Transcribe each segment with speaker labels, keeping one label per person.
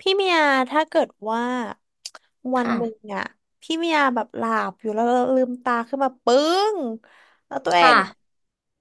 Speaker 1: พี่เมียถ้าเกิดว่าวัน
Speaker 2: ค่ะ
Speaker 1: หนึ่งอะพี่เมียแบบหลับอยู่แล้วลืมตาขึ้นมาปึ้งแล้วตัวเอ
Speaker 2: ค่ะ
Speaker 1: ง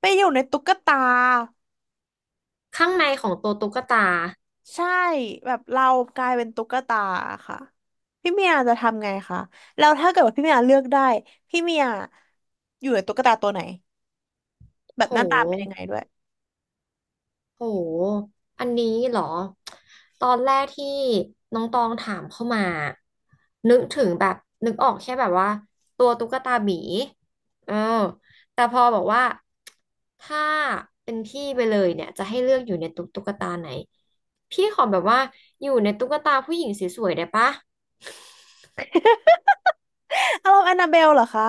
Speaker 1: ไปอยู่ในตุ๊กตา
Speaker 2: ข้างในของตัวตุ๊กตา
Speaker 1: ใช่แบบเรากลายเป็นตุ๊กตาค่ะพี่เมียจะทำไงคะแล้วถ้าเกิดว่าพี่เมียเลือกได้พี่เมียอยู่ในตุ๊กตาตัวไหนแบ
Speaker 2: โ
Speaker 1: บหน้าตาเป็นยัง
Speaker 2: ห
Speaker 1: ไงด้วย
Speaker 2: โหอันนี้เหรอตอนแรกที่น้องตองถามเข้ามานึกถึงแบบนึกออกแค่แบบว่าตัวตุ๊กตาหมีเออแต่พอบอกว่าถ้าเป็นพี่ไปเลยเนี่ยจะให้เลือกอยู่ในตุ๊กตาไหนพี่ขอแบบว่าอยู่ในตุ๊กตาผู้หญิงสวยๆได้ปะ
Speaker 1: อารมณ์แอนนาเบลเหรอคะ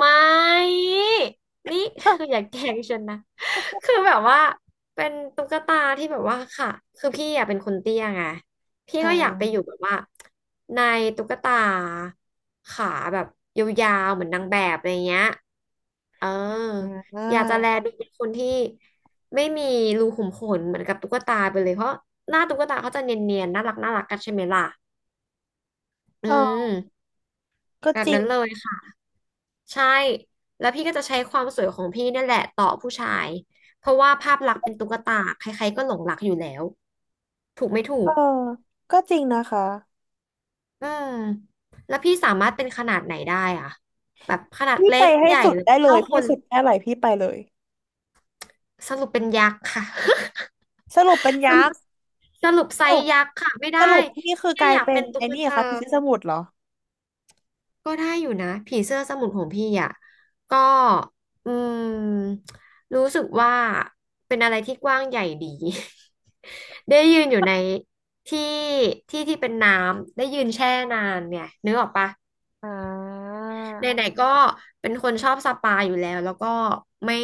Speaker 2: ไม่นี่
Speaker 1: อ่า
Speaker 2: อย่าแกล้งฉันนะ คือแบบว่าเป็นตุ๊กตาที่แบบว่าค่ะคือพี่อาะเป็นคนเตี้ยไงพี่
Speaker 1: อ่
Speaker 2: ก็อยากไปอยู่แบ
Speaker 1: า
Speaker 2: บว่าในตุ๊กตาขาแบบยาวๆเหมือนนางแบบอะไรเงี้ยเออ
Speaker 1: อ่
Speaker 2: อยากจะแล
Speaker 1: า
Speaker 2: ดูเป็นคนที่ไม่มีรูขุมขนเหมือนกับตุ๊กตาไปเลยเพราะหน้าตุ๊กตาเขาจะเนียนๆน่ารักน่ารักกันใช่ไหมล่ะอื
Speaker 1: ออ
Speaker 2: ม
Speaker 1: ก็
Speaker 2: แบบ
Speaker 1: จริ
Speaker 2: นั้
Speaker 1: ง
Speaker 2: นเลย ใช่ แล้วพี่ก็จะใช้ความสวยของพี่เนี่ยแหละต่อผู้ชายเพราะว่าภาพลักษณ์เป็นตุ๊กตาใครๆก็หลงรักอยู่แล้วถูกไม่ถู
Speaker 1: เอ
Speaker 2: ก
Speaker 1: อก็จริงนะคะ
Speaker 2: อืมแล้วพี่สามารถเป็นขนาดไหนได้อะแบบขนาด
Speaker 1: พี่
Speaker 2: เล็
Speaker 1: ไป
Speaker 2: ก
Speaker 1: ให้
Speaker 2: ใหญ่
Speaker 1: สุด
Speaker 2: หรือ
Speaker 1: ได้เล
Speaker 2: เท่า
Speaker 1: ย
Speaker 2: ค
Speaker 1: พี่
Speaker 2: น
Speaker 1: สุดแค่ไหนพี่ไปเลย
Speaker 2: สรุปเป็นยักษ์ค่ะ
Speaker 1: สรุปเป็น
Speaker 2: ส
Speaker 1: ยั
Speaker 2: รุ
Speaker 1: ก
Speaker 2: ป
Speaker 1: ษ์
Speaker 2: สรุปไซ
Speaker 1: สรุ
Speaker 2: ส์
Speaker 1: ป
Speaker 2: ยักษ์ค่ะไม่ได้
Speaker 1: สรุปนี่
Speaker 2: พี่
Speaker 1: คือก
Speaker 2: แค่
Speaker 1: ลา
Speaker 2: อ
Speaker 1: ย
Speaker 2: ยาก
Speaker 1: เป็
Speaker 2: เป็
Speaker 1: น
Speaker 2: นตุ๊
Speaker 1: ไอ้
Speaker 2: ก
Speaker 1: นี่
Speaker 2: ตา
Speaker 1: ค่ะพิชิตสมุทรเหรอ
Speaker 2: ก็ได้อยู่นะผีเสื้อสมุนของพี่อ่ะก็อืมรู้สึกว่าเป็นอะไรที่กว้างใหญ่ดี ได้ยืนอยู่ในที่ที่ที่เป็นน้ำได้ยืนแช่นานเนี่ยนึกออกปะ
Speaker 1: อ่า
Speaker 2: ไหนๆก็เป็นคนชอบสปาอยู่แล้วแล้วก็ไม่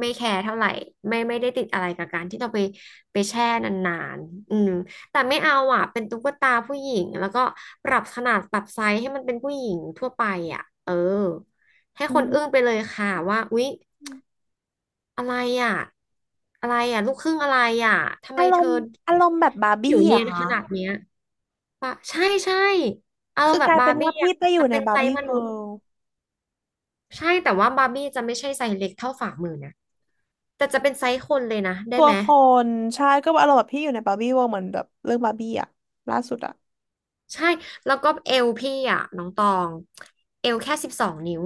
Speaker 2: ไม่แคร์เท่าไหร่ไม่ไม่ได้ติดอะไรกับการที่เราไปไปแช่นานๆอืมแต่ไม่เอาอ่ะเป็นตุ๊กตาผู้หญิงแล้วก็ปรับขนาดปรับไซส์ให้มันเป็นผู้หญิงทั่วไปอ่ะเออให้
Speaker 1: อื
Speaker 2: คน
Speaker 1: ม
Speaker 2: อึ้งไปเลยค่ะว่าอุ๊ยอะไรอ่ะอะไรอ่ะลูกครึ่งอะไรอ่ะทำ
Speaker 1: อา
Speaker 2: ไม
Speaker 1: ร
Speaker 2: เธอ
Speaker 1: มณ์อารมณ์แบบบาร์บี้
Speaker 2: ผิวเนีย
Speaker 1: อะ
Speaker 2: น
Speaker 1: ค่ะ
Speaker 2: ขนาดเนี้ยปะใช่ใช่เอา
Speaker 1: คือ
Speaker 2: แบ
Speaker 1: ก
Speaker 2: บ
Speaker 1: ลาย
Speaker 2: บา
Speaker 1: เป็น
Speaker 2: ร์บี้
Speaker 1: ว่าพี่
Speaker 2: อ่ะ
Speaker 1: ไปอ
Speaker 2: แต่
Speaker 1: ยู่ใน
Speaker 2: เป็น
Speaker 1: บา
Speaker 2: ไซ
Speaker 1: ร์บี้
Speaker 2: ส์มนุ
Speaker 1: เวิ
Speaker 2: ษย์
Speaker 1: ลด์
Speaker 2: ใช่แต่ว่าบาร์บี้จะไม่ใช่ไซส์เล็กเท่าฝ่ามือนะแต่จะเป็นไซส์คนเลยนะได้
Speaker 1: ตัว
Speaker 2: ไหม
Speaker 1: คนใช่ก็อารมณ์แบบพี่อยู่ในบาร์บี้เวิลด์เหมือนแบบเรื่องบาร์บี้อะล่าสุดอะ
Speaker 2: ใช่แล้วก็เอวพี่อ่ะน้องตองเอวแค่สิบสองนิ้ว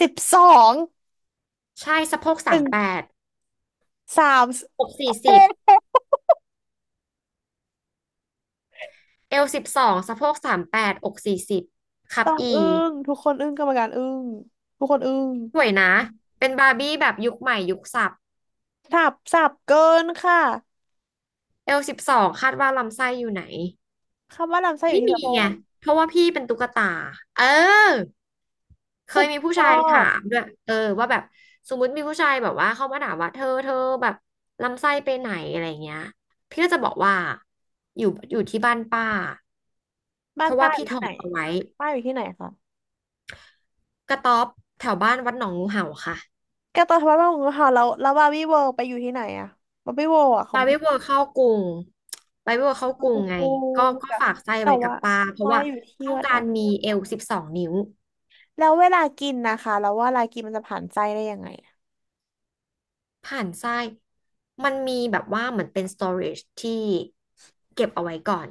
Speaker 1: สิบสอง
Speaker 2: ใช่สะโพก
Speaker 1: ห
Speaker 2: สา
Speaker 1: นึ่
Speaker 2: ม
Speaker 1: ง
Speaker 2: แปด
Speaker 1: 3
Speaker 2: อกสี่สิ
Speaker 1: เอ๊
Speaker 2: บ
Speaker 1: ะ
Speaker 2: เอวสิบสองสะโพกสามแปดอกสี่สิบครับ
Speaker 1: ต้อง
Speaker 2: อี
Speaker 1: อึ้งทุกคนอึ้งกรรมการอึ้งทุกคนอึ้ง
Speaker 2: สวยนะเป็นบาร์บี้แบบยุคใหม่ยุคสับ
Speaker 1: สับสับเกินค่ะ
Speaker 2: เอลสิบสองคาดว่าลำไส้อยู่ไหน
Speaker 1: คำว่าลำไส้อยู่
Speaker 2: ไม่
Speaker 1: ที่
Speaker 2: มี
Speaker 1: สะโพ
Speaker 2: ไง
Speaker 1: ก
Speaker 2: เพราะว่าพี่เป็นตุ๊กตาเออ เค
Speaker 1: สุ
Speaker 2: ย
Speaker 1: ด
Speaker 2: มีผู้
Speaker 1: ยอ
Speaker 2: ชายถา
Speaker 1: ด
Speaker 2: มด้วยเออว่าแบบสมมติมีผู้ชายแบบว่าเข้ามาถามว่าเธอเธอแบบลำไส้ไปไหนอะไรเงี้ยพี่ก็จะบอกว่าอยู่อยู่ที่บ้านป้า
Speaker 1: บ้า
Speaker 2: เพ
Speaker 1: น
Speaker 2: ราะว่า
Speaker 1: ป้าอ
Speaker 2: พี่
Speaker 1: ยู่
Speaker 2: ถ
Speaker 1: ที่
Speaker 2: อ
Speaker 1: ไหน
Speaker 2: ดเอาไว้
Speaker 1: ป้าอยู่ที่ไหนคะ
Speaker 2: กระต๊อบแถวบ้านวัดหนองงูเห่าค่ะ
Speaker 1: แกตอนทำบ้านป้าของเราแล้วแล้วบาร์บี้เวิลด์ไปอยู่ที่ไหนอะบาร์บี้เวิลด์อะข
Speaker 2: ไป
Speaker 1: อง
Speaker 2: วิ
Speaker 1: พี่
Speaker 2: เวอร์เข้ากรุงไปไม่เวอร์เข้าก
Speaker 1: เข้า
Speaker 2: รุงไง
Speaker 1: กู
Speaker 2: ก็
Speaker 1: แต่
Speaker 2: ฝากไส้
Speaker 1: แต่
Speaker 2: ไว้กับ
Speaker 1: ว่า
Speaker 2: ป้าเพราะ
Speaker 1: ป้า
Speaker 2: ว่า
Speaker 1: อยู่ที่
Speaker 2: ต้อง
Speaker 1: วัดห
Speaker 2: กา
Speaker 1: นอ
Speaker 2: ร
Speaker 1: งบั
Speaker 2: มี
Speaker 1: ว
Speaker 2: เอวสิบสองนิ้ว
Speaker 1: แล้วเวลากินนะคะแล้วว่าเวลากินมันจะผ่านไส้ได้ยังไงอะ
Speaker 2: ผ่านทรายมันมีแบบว่าเหมือนเป็น storage ที่เก็บเอาไว้ก่อน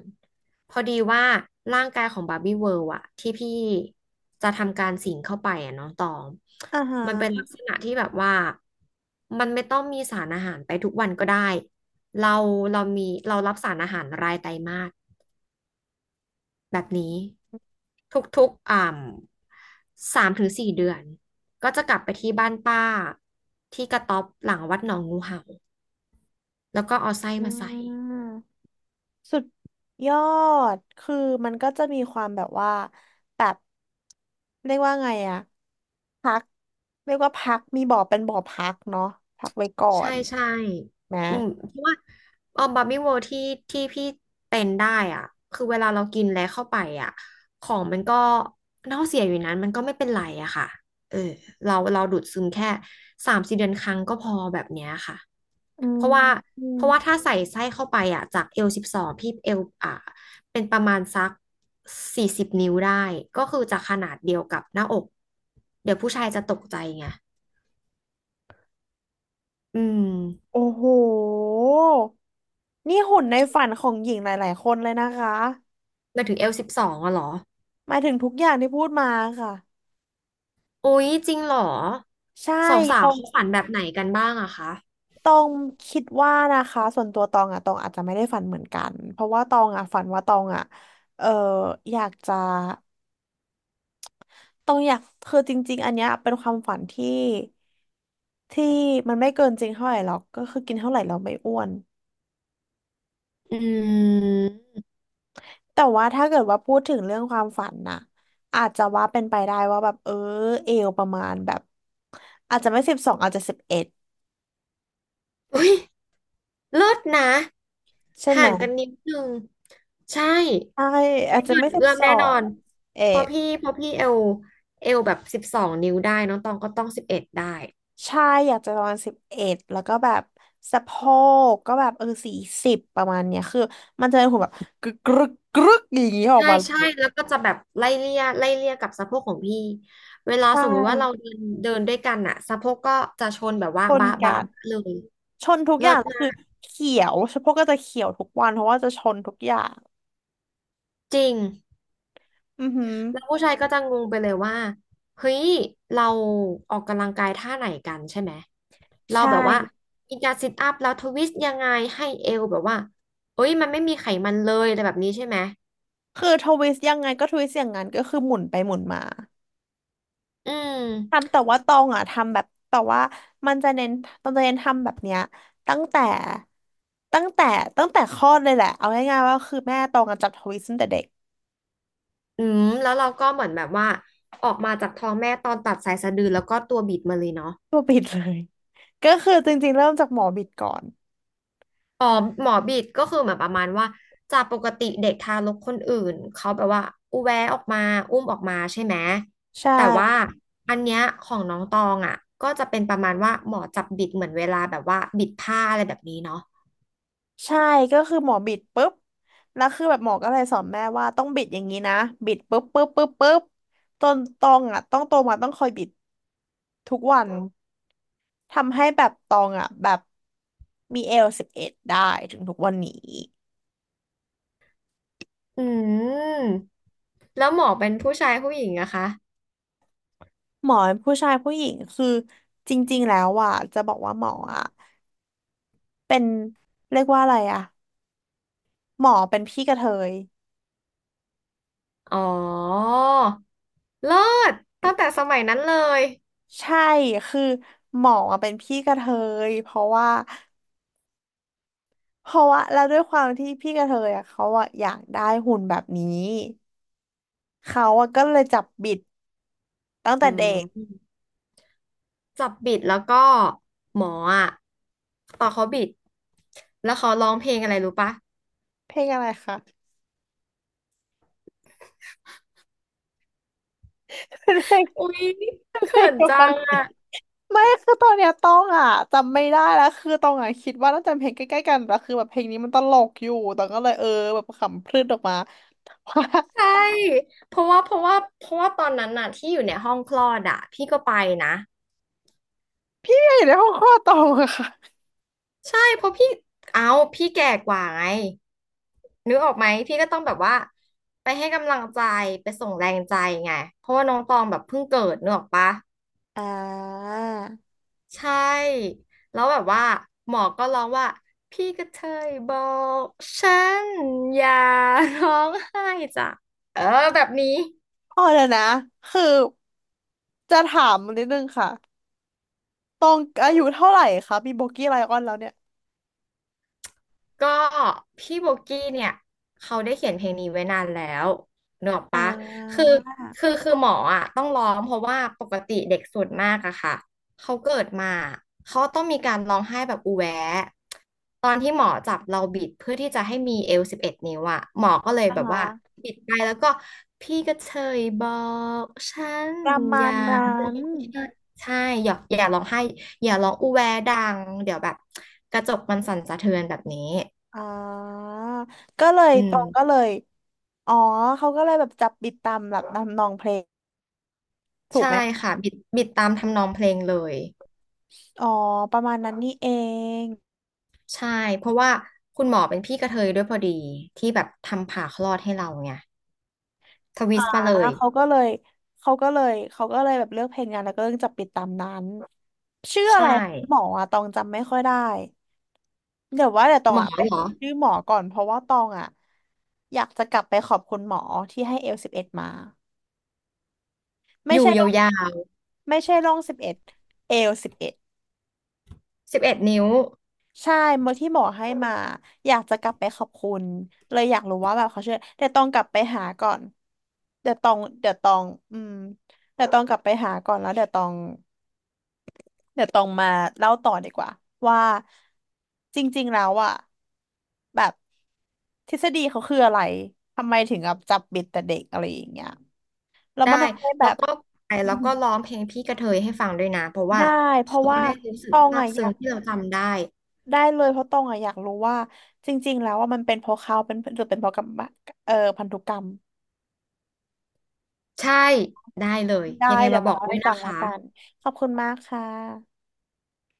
Speaker 2: พอดีว่าร่างกายของบาร์บี้เวิลด์อะที่พี่จะทำการสิงเข้าไปอะน้องตอง
Speaker 1: อ่าฮ
Speaker 2: มันเป็น
Speaker 1: ะ
Speaker 2: ลักษณะที่แบบว่ามันไม่ต้องมีสารอาหารไปทุกวันก็ได้ เราเรามีเรารับสารอาหารรายไตรมาสแบบนี้ทุกๆอ่ำ3 ถึง 4 เดือนก็จะกลับไปที่บ้านป้าที่กระต๊อบหลังวัดหนองงูเห่า แล้วก็เอาไส้
Speaker 1: อ่า
Speaker 2: มาใส่
Speaker 1: สุดยอดคือมันก็จะมีความแบบว่าแบบเรียกว่าไงอะพักเรียกว่าพักมีบ่อเป็นบ่อพักเนาะพักไว้ก่อ
Speaker 2: ใช่
Speaker 1: น
Speaker 2: ใช่
Speaker 1: นะ
Speaker 2: อืมเพราะว่าเออบาร์บี้เวิลด์ที่ที่พี่เป็นได้อ่ะคือเวลาเรากินแล้วเข้าไปอ่ะของมันก็เน่าเสียอยู่นั้นมันก็ไม่เป็นไรอะค่ะเออเราเราดูดซึมแค่3-4 เดือนครั้งก็พอแบบเนี้ยค่ะ
Speaker 1: อื
Speaker 2: เพ
Speaker 1: ม
Speaker 2: ราะว่า
Speaker 1: อืม
Speaker 2: เพราะว่าถ้าใส่ไส้เข้าไปอ่ะจากเอลสิบสองพี่เอลอ่ะเป็นประมาณสัก40 นิ้วได้ก็คือจะขนาดเดียวกับหน้าอกเดี๋ยวผู้ชายจะตกใจไงอืม
Speaker 1: โอ้โหนี่หุ่นในฝันของหญิงหลายๆคนเลยนะคะ
Speaker 2: หมายถึงเอล12อะเหรอ
Speaker 1: หมายถึงทุกอย่างที่พูดมาค่ะ
Speaker 2: โอ้ยจริงเหรอ
Speaker 1: ใช่
Speaker 2: สา
Speaker 1: ต
Speaker 2: ว
Speaker 1: อ
Speaker 2: ๆ
Speaker 1: ง
Speaker 2: เขาฝันแบบไหนกันบ้างอะคะ
Speaker 1: ตองคิดว่านะคะส่วนตัวตองอะตองอาจจะไม่ได้ฝันเหมือนกันเพราะว่าตองอะฝันว่าตองอะเอออยากจะ ต้องอยากคือจริงๆอันเนี้ยเป็นความฝันที่ที่มันไม่เกินจริงเท่าไหร่หรอกก็คือกินเท่าไหร่เราไม่อ้วน
Speaker 2: อืม
Speaker 1: แต่ว่าถ้าเกิดว่าพูดถึงเรื่องความฝันน่ะอาจจะว่าเป็นไปได้ว่าแบบเออเอวประมาณแบบอาจจะไม่สิบสองอาจจะสิบเอ็ด
Speaker 2: อุ้ยเลิศนะ
Speaker 1: ใช่ไห
Speaker 2: ห่า
Speaker 1: ม
Speaker 2: งกันนิดนึงใช่
Speaker 1: ใช่อา
Speaker 2: ไม่
Speaker 1: จจะ
Speaker 2: เกิ
Speaker 1: ไม่
Speaker 2: น
Speaker 1: สิบ
Speaker 2: เอื้อม
Speaker 1: สอ
Speaker 2: แน่น
Speaker 1: ง
Speaker 2: อน
Speaker 1: เอ็
Speaker 2: เพราะ
Speaker 1: ด
Speaker 2: พี่เพราะพี่เอลแบบสิบสองนิ้วได้น้องตองก็ต้อง11ได้
Speaker 1: ใช่อยากจะประมาณสิบเอ็ดแล้วก็แบบสะโพกก็แบบเออ40ประมาณเนี้ยคือมันจะเป็นหุ่นแบบ
Speaker 2: ใช่ใช่แล้วก็จะแบบไล่เลี่ยไล่เลี่ยกับสะโพกของพี่เวลา
Speaker 1: ใช
Speaker 2: สมมุติว่าเรา
Speaker 1: ่
Speaker 2: เดินเดินด้วยกันอะสะโพกก็จะชนแบบว่า
Speaker 1: คน
Speaker 2: บะ
Speaker 1: กั
Speaker 2: บะบะ
Speaker 1: น
Speaker 2: เลย
Speaker 1: ชนทุกอ
Speaker 2: เลิ
Speaker 1: ย่า
Speaker 2: ศ
Speaker 1: ง
Speaker 2: มา
Speaker 1: คือ
Speaker 2: ก
Speaker 1: เขียวเฉพาะก็จะเขียวทุกวันเพราะว่าจะชนทุกอย่าง
Speaker 2: จริง
Speaker 1: อือหือ
Speaker 2: แล้วผู้ชายก็จะงงไปเลยว่าเฮ้ยเราออกกำลังกายท่าไหนกันใช่ไหมเรา
Speaker 1: ใช่
Speaker 2: แบบว่ามีการซิทอัพแล้วทวิสต์ยังไงให้เอวแบบว่าเอ้ยมันไม่มีไขมันเลยอะไรแบบนี้ใช่ไหม
Speaker 1: คือทวิสต์ยังไงก็ทวิสต์อย่างนั้นก็คือหมุนไปหมุนมา
Speaker 2: อืม
Speaker 1: ทำแต่ว่าตองอ่ะทำแบบแต่ว่ามันจะเน้นตองจะเน้นทำแบบเนี้ยตั้งแต่ตั้งแต่ตั้งแต่คลอดเลยแหละเอาง่ายๆว่าคือแม่ตองอะจับทวิสต์ตั้งแต่เด็ก
Speaker 2: อืมแล้วเราก็เหมือนแบบว่าออกมาจากท้องแม่ตอนตัดสายสะดือแล้วก็ตัวบิดมาเลยเนาะ
Speaker 1: ตัวบิดเลยก็คือจริงๆเริ่มจากหมอบิดก่อน
Speaker 2: อ๋อหมอบีดก็คือเหมือนประมาณว่าจากปกติเด็กทารกคนอื่นเขาแบบว่าอุแวะออกมาอุ้มออกมาใช่ไหม
Speaker 1: ใช่
Speaker 2: แต่ว่าอันเนี้ยของน้องตองอ่ะก็จะเป็นประมาณว่าหมอจับบิดเหมือนเวลาแบบว่าบิดผ้าอะไรแบบนี้เนาะ
Speaker 1: ใช่ก็คือหมอบิดปุ๊บแล้วคือแบบหมอก็เลยสอนแม่ว่าต้องบิดอย่างนี้นะบิดปุ๊บปุ๊บปุ๊บปุ๊บจนตองอ่ะต้องโตมาต้องคอยบิดทุกวันทำให้แบบตองอ่ะแบบมีเอลสิบเอ็ดได้ถึงทุกวันนี้
Speaker 2: อืมแล้วหมอเป็นผู้ชายผู้หญิงอะคะ
Speaker 1: หมอผู้ชายผู้หญิงคือจริงๆแล้วอ่ะจะบอกว่าหมออ่ะเป็นเรียกว่าอะไรอ่ะหมอเป็นพี่กระเทย
Speaker 2: อ๋อเลิศตั้งแต่สมัยนั้นเลย
Speaker 1: ใช่คือหมออะเป็นพี่กระเทยเพราะว่า เพราะว่าแล้วด้วยความที่พี่กระเทยอ่ะเขาอ่ะอยากได้หุ่นแบบนี้เขาอ่ะก็เลยจับบิดตั้ง
Speaker 2: อื
Speaker 1: แต่เด็
Speaker 2: ม
Speaker 1: ก
Speaker 2: จับบิดแล้วก็หมออะตอนเขาบิดแล้วเขาร้องเพลงอะไรรู้ปะ
Speaker 1: เพลงอะไรคะเป็นเพลง
Speaker 2: อุ๊ย
Speaker 1: เพ
Speaker 2: เขิ
Speaker 1: ลง
Speaker 2: น
Speaker 1: เดียว
Speaker 2: จั
Speaker 1: กัน
Speaker 2: งอ่ะ
Speaker 1: ไม่คือตอนเนี้ยต้องอ่ะจำไม่ได้แล้วคือต้องอ่ะคิดว่าน่าจะเป็นเพลงใกล้ๆกันแต่คือแบบเพลงนี้มันตลกอยู่ตองก็เลยเออแบบขำพรืดออกมาว่า
Speaker 2: ใช่เพราะว่าเพราะว่าเพราะว่าตอนนั้นน่ะที่อยู่ในห้องคลอดอ่ะพี่ก็ไปนะ
Speaker 1: เนี่ยอยู่ในห้องคลอดตองอะค่ะ
Speaker 2: ใช่เพราะพี่เอาพี่แก่กว่าไงนึกออกไหมพี่ก็ต้องแบบว่าไปให้กำลังใจไปส่งแรงใจไงเพราะว่าน้องตองแบบเพิ่งเกิดนึกออกปะ
Speaker 1: อ่า
Speaker 2: ใช่แล้วแบบว่าหมอก็ร้องว่าพี่กระเทยบอกฉันอย่าร้องไห้จ้ะเออแบบนี้
Speaker 1: อ๋อเดี๋ยวนะคือจะถามนิดนึงค่ะตองอายุเท่าไหร่คะมีโบกี้ไลออนแล้วเนี่ย
Speaker 2: ก็พี่โบกี้เนี่ยเขาได้เขียนเพลงนี้ไว้นานแล้วเนกอะ
Speaker 1: อ่
Speaker 2: ปะคื
Speaker 1: า
Speaker 2: อคือหมออ่ะต้องร้องเพราะว่าปกติเด็กส่วนมากอะค่ะเขาเกิดมาเขาต้องมีการร้องไห้แบบอูแวะตอนที่หมอจับเราบิดเพื่อที่จะให้มีเอวสิบเอ็ดนิ้วอะหมอก็เลย
Speaker 1: อ่า
Speaker 2: แบบว่า
Speaker 1: ฮะ
Speaker 2: บิดไปแล้วก็พี่ก็เชยบอกฉัน
Speaker 1: ประ
Speaker 2: อ
Speaker 1: มา
Speaker 2: ย่า
Speaker 1: ณยานั้กน
Speaker 2: ใช่อย่าร้องไห้อย่าร้องอูแวดังเดี๋ยวแบบกระจกมันสั่นสะเทือนแบบนี้
Speaker 1: อ่าก็เลย
Speaker 2: อื
Speaker 1: ตรงก็เล
Speaker 2: ม
Speaker 1: ยอ๋อเขาก็เลยแบบจับบิดตามหลักนำนองเพลงถูก
Speaker 2: ใช่
Speaker 1: ไหม
Speaker 2: ค่ะบิดตามทำนองเพลงเลย
Speaker 1: อ๋อประมาณนั้นนี่เอง
Speaker 2: ใช่เพราะว่าคุณหมอเป็นพี่กระเทยด้วยพอดีที่แบบทำผ่าคลอดให้เราไงทวิ
Speaker 1: อ่า
Speaker 2: สต์มาเลย
Speaker 1: เขาก็เลยเขาก็เลยเขาก็เลยแบบเลือกเพลงงานแล้วก็เลือกจับปิดตามนั้นชื่ออะ
Speaker 2: ใช่
Speaker 1: ไรหมออะตองจำไม่ค่อยได้เดี๋ยวว่าเดี๋ยวตอ
Speaker 2: ห
Speaker 1: ง
Speaker 2: มอ
Speaker 1: อะไป
Speaker 2: เหรอ
Speaker 1: หาชื่อหมอก่อนเพราะว่าตองอ่ะอยากจะกลับไปขอบคุณหมอที่ให้เอลสิบเอ็ดมา ไม่
Speaker 2: อยู่
Speaker 1: ใช่
Speaker 2: ย
Speaker 1: ร่อง
Speaker 2: าว
Speaker 1: ไม่ใช่ร่องสิบเอ็ดเอวสิบเอ็ด
Speaker 2: ๆสิบเอ็ดนิ้ว
Speaker 1: ใช่เมื่อที่หมอให้มาอยากจะกลับไปขอบคุณเลยอยากรู้ว่าแบบเขาช่วยเดี๋ยวต้องกลับไปหาก่อนเดี๋ยวต้องเดี๋ยวต้องอืมเดี๋ยวต้องกลับไปหาก่อนแล้วเดี๋ยวต้องเดี๋ยวต้องมาเล่าต่อดีกว่าว่าจริงๆแล้วอ่ะแบบทฤษฎีเขาคืออะไรทำไมถึงแบบจับบิดแต่เด็กอะไรอย่างเงี้ยแล้ว
Speaker 2: ได้
Speaker 1: มันทำให้แบ
Speaker 2: แล้ว
Speaker 1: บ
Speaker 2: ก็ไป
Speaker 1: อื
Speaker 2: แล้ว
Speaker 1: ม
Speaker 2: ก็ร้องเพลงพี่กระเทยให้ฟังด้วยนะเพราะว่า
Speaker 1: ได้เพ
Speaker 2: เขา
Speaker 1: ราะ
Speaker 2: จะ
Speaker 1: ว่า
Speaker 2: ได้รู้สึ
Speaker 1: ต
Speaker 2: ก
Speaker 1: อง
Speaker 2: ซา
Speaker 1: อะ
Speaker 2: บ
Speaker 1: อ
Speaker 2: ซึ้
Speaker 1: ยา
Speaker 2: ง
Speaker 1: ก
Speaker 2: ที่เราจำได้
Speaker 1: ได้เลยเพราะตองอะอยากรู้ว่าจริงๆแล้วว่ามันเป็นเพราะเขาเป็นหรือเป็นเพราะกรรมพันธุกรรม
Speaker 2: ใช่ได้เลย
Speaker 1: ได้
Speaker 2: ยังไง
Speaker 1: เเดี๋ย
Speaker 2: มา
Speaker 1: ว
Speaker 2: บ
Speaker 1: มา
Speaker 2: อก
Speaker 1: เล่า
Speaker 2: ด้ว
Speaker 1: ให้
Speaker 2: ย
Speaker 1: ฟั
Speaker 2: นะ
Speaker 1: งแล้ว
Speaker 2: คะ
Speaker 1: กันขอบคุณมากค่ะ